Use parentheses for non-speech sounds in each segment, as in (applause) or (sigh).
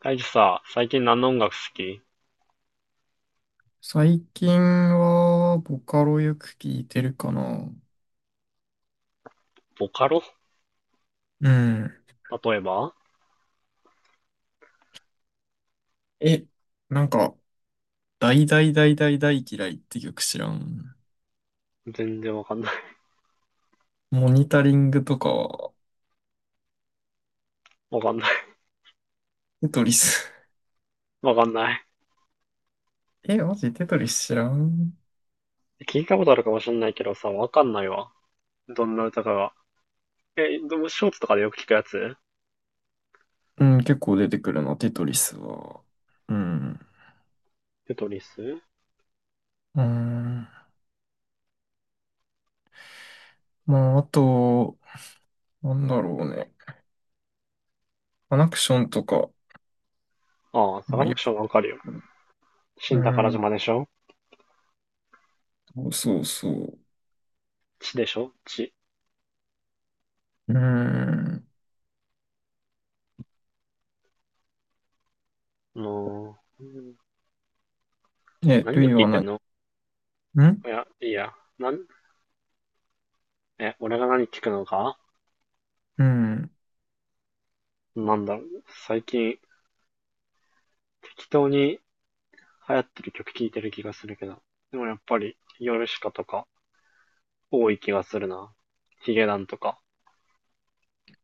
大樹さ、最近何の音楽好き？最近は、ボカロよく聞いてるかな。ボカロ？うん。例えば？え、なんか、大大大大大嫌いって曲知らん。全然わかんない。モニタリングとかは、(laughs) わかんない。テトリス。(laughs) わかんない。(laughs) マジテトリス知らん。聞いたことあるかもしんないけどさ、わかんないわ。どんな歌かが。え、でもショーツとかでよく聞くやつ？うん、結構出てくるな、テトリスは。うん。テトリス？うん。まあ、あと、なんだろうね。アナクションとか、ああ、サまカあ、ナよクショく、ンわかるよ。う新宝ん。島でしょ？そうそうそう。地でしょ地。うん。う、何ルでイ聞いはてん何？の？んいや、いいや。なん、え、俺が何聞くのか？うん。なんだろう。最近、適当に流行ってる曲聞いてる気がするけど。でもやっぱり、ヨルシカとか、多い気がするな。ヒゲダンとか。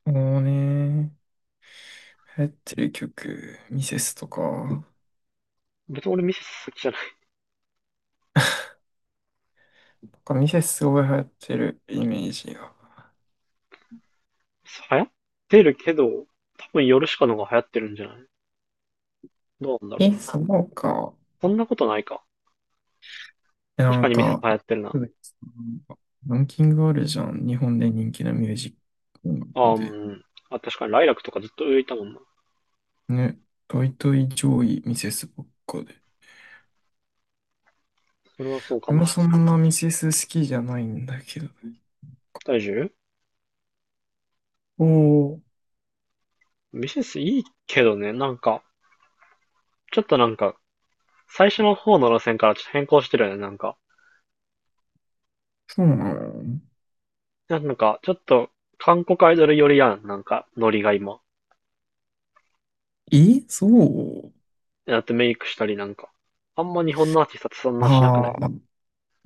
もうね、流行ってる曲、ミセスとか、なん別に俺ミセス好きじゃない。かミセスすごい流行ってるイメージが。流行ってるけど、多分ヨルシカの方が流行ってるんじゃない？どうなんだろう。そうか。そんなことないか。え確なかんにミセスか、流行ってるそな。うです。ランキングあるじゃん。日本で人気なミュージックあみー、たいうん。あ、確かにライラックとかずっと浮いたもんな。な。ね、トイトイ上位ミセスばっかで。それはそうかでももしれそない。んなミセス好きじゃないんだけどね。大丈夫。おお、ミセスいいけどね、ちょっとなんか、最初の方の路線からちょっと変更してるよね、なんか。そうなの？なんか、ちょっと、韓国アイドル寄りやん、なんか、ノリが今。そう、だってメイクしたりなんか。あんま日本のアーティストってそんなしなくない？ああ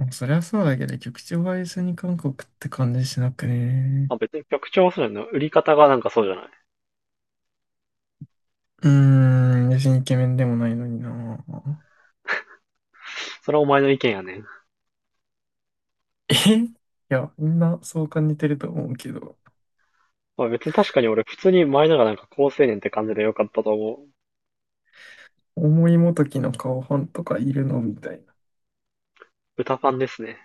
そりゃそうだけど、曲調は一緒に韓国って感じしなくね？まあ別に曲調はそうじゃないの。売り方がなんかそうじゃない。うーん、別にイケメンでもないのにな。それはお前の意見やねん。えいや、みんなそう感じてると思うけど、まあ別に確かに俺普通に前のがなんか高青年って感じで良かったと思う。思いもときの顔ファンとかいるのみたいな。歌ファンですね。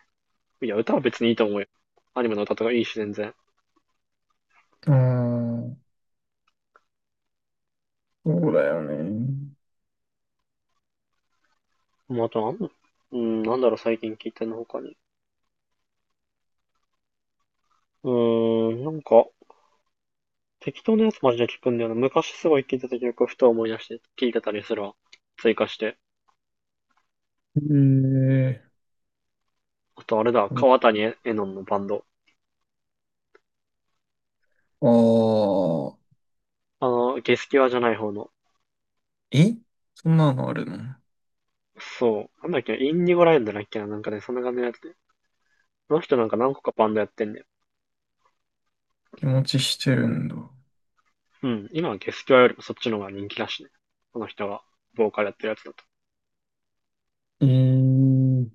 いや、歌は別にいいと思うよ。アニメの歌とかいいし全然。うーん、そうだよね。まああとなんだ、なんだろう最近聞いてんの他に。うーなんか、適当なやつマジで聞くんだよな。昔すごい聞いてた曲をふと思い出して聞いてたりするわ。追加して。えあとあれだ、ー、川谷絵音のバンド。ああ、あの、ゲスキュアじゃない方の。えそんなのあるの？そう。なんだっけ、インディゴラインドだっけな、なんかね、そんな感じのやつ。この人なんか何個かバンドやってんね。気持ちしてるんだ。うん。今はゲスキュアよりもそっちの方が人気だしね。この人がボーカルやってるやつだと。えー、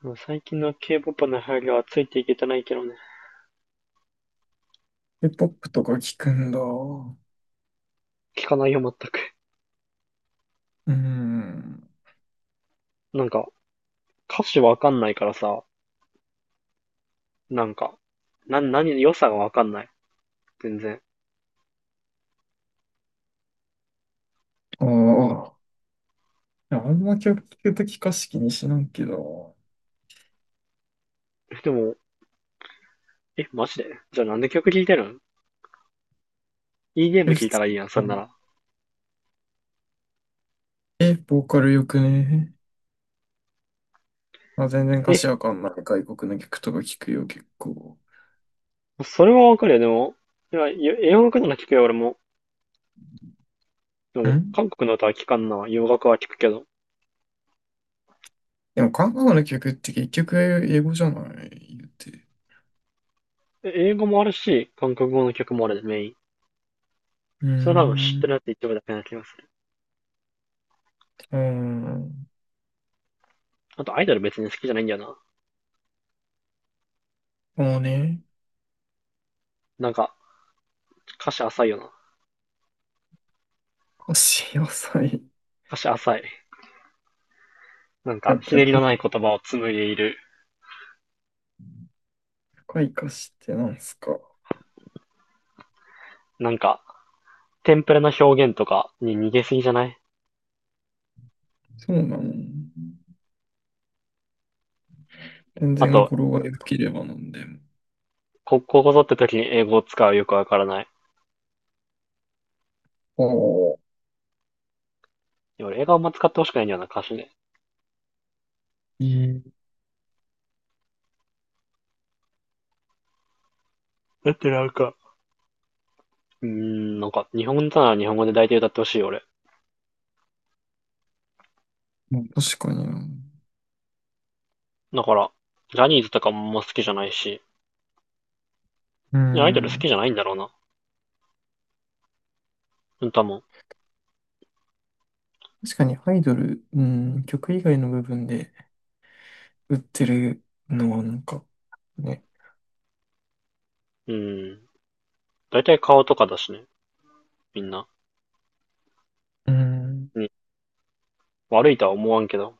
もう最近の K-POP の流行りはついていけてないけどね。K-POP とか聞くんだ。う聞かないよ、全く。ーん、(laughs) なんか、歌詞わかんないからさ、なんか、な、何、良さがわかんない。全然。ああ、いやあんま曲聞くとき歌詞気にしないけど、でも、え、マジでじゃあなんで曲聴いてるん？いいゲーム聴普い通、たらいいやん、そんなら。ボーカルよくね？まあ、全然歌え、詞わかんない外国の曲とか聞くよ、結構。それはわかるよ、でも。いや、洋楽なら聴くよ、俺も。でんも、韓国の歌は聴かんな。洋楽は聴くけど。でも韓国の曲って結局英語じゃない？言って。え、英語もあるし、韓国語の曲もあるで、メイン。うーそれ多分知っん。てうるやつ一部だけな気がする。ーん。あと、アイドル別に好きじゃないんだよな。もうね、なんか、歌詞浅いよな。歌詞浅い。歌詞浅い。なんか、ひ逆ねりのにない言葉を紡いでいる。深い歌詞ってなんすか？なんか、テンプレな表現とかに逃げすぎじゃない？そうなの。全あ然と、語呂が良ければなんでも。こ、ここぞって時に英語を使うよくわからない。いおお。や俺、映画あんま使ってほしくないんだよな、歌詞で。えだってなんか、なんか、日本語なら日本語で大体歌ってほしいよ、俺。まあ確かにな。だから、ジャニーズとかもあんま好きじゃないし、うーいやアイドル好きん。じゃないんだろうな。歌も。確かにアイドル、うん、曲以外の部分で売ってるのはなんか、ね。うーん。だいたい顔とかだしね、みんな。うん。に悪いとは思わんけど、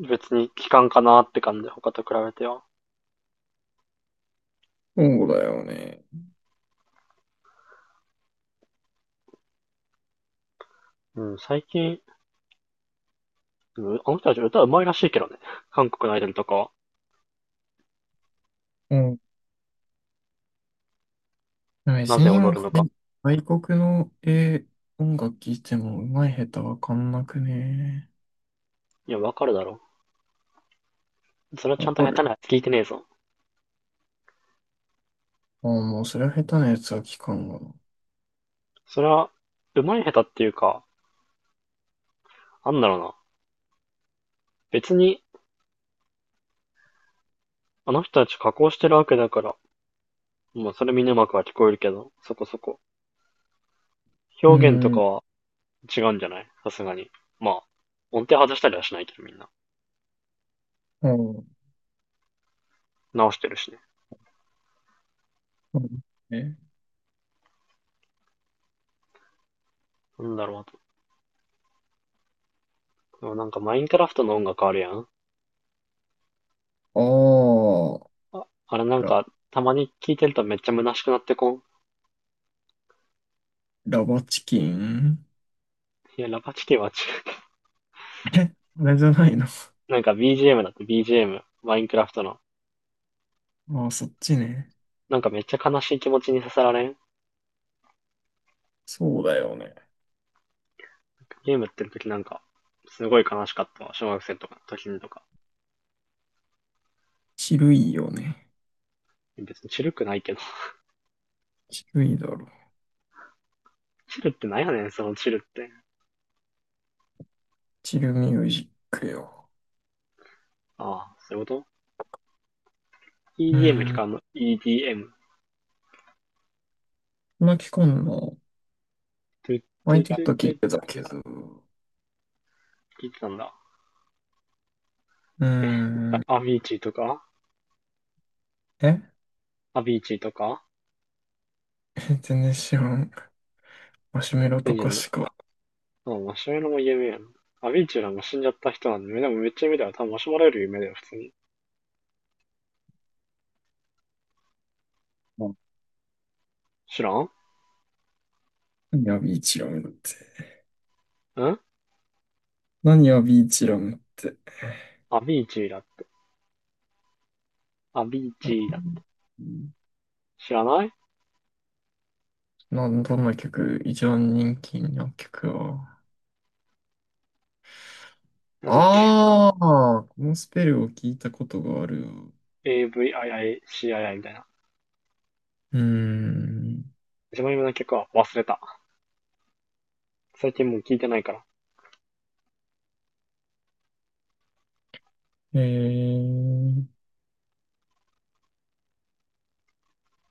別に聞かんかなって感じで、他と比べては。そうだよね。うん、最近、あの人たち歌うまいらしいけどね。韓国のアイドルとかは、うん。でもな別ぜになん踊るかのか。ね、外国の、音楽聴いても上手い下手わかんなくね？いや、わかるだろ。それはちわゃんとか下手る。なやつ聞いてねえぞ。ああ、もうそれは下手なやつは聞かんわな。それは、うまい下手っていうか、なんだろうな。別に、あの人たち加工してるわけだから、まあ、それみんなうまくは聞こえるけど、そこそこ。う表現とかん。は違うんじゃない？さすがに。まあ、音程外したりはしないけど、みんな。うん。直してるしね。うん。え、なんだろう、あとでもなんかマインクラフトの音楽あるやん。ああ、あれなんあ、ラ、か、たまに聴いてるとめっちゃ虚しくなってこん。ラバチキン。いや、ラパチキは違う。え、あれじゃないの？(laughs) なんか BGM だって BGM、マインクラフトの。ああ、そっちね。なんかめっちゃ悲しい気持ちにさせられん。そうだよね。ゲームやってる時なんか、すごい悲しかったわ。小学生とか、時にとか。チルいよね。別にチルくないけど。チルいだろ。(laughs) チルってなんやねん、そのチルって。チルミュージックよ。ああ、そういうこと？ う EDM 聞ーん、かんの？ EDM。巻き込んの、トゥット前ゥちょトっゥとト聞いゥてたトけゥど、う聞いてたんだ。ーえ、ん、アビーチーとか、え アビーチーとか、 (laughs) 全然知らん。マシュメロうとんじゃかしん、か。でもマシュマロも有名やな。アビーチューラも死んじゃった人なんで、でもめっちゃ有名だよ。多分マシュマロより有名だよ、普通に。あ、知らんん、何やビーチラムって。何やビーチラムって。アビーチューラ、アビーあチューラ。うん知らない、なん、どんな曲、一番人気の曲は？なんだっけ、 ああ、このスペルを聞いたことがあるわ。AVIICII みたいな。うーん。一番有名な曲は忘れた。最近もう聞いてないから。えー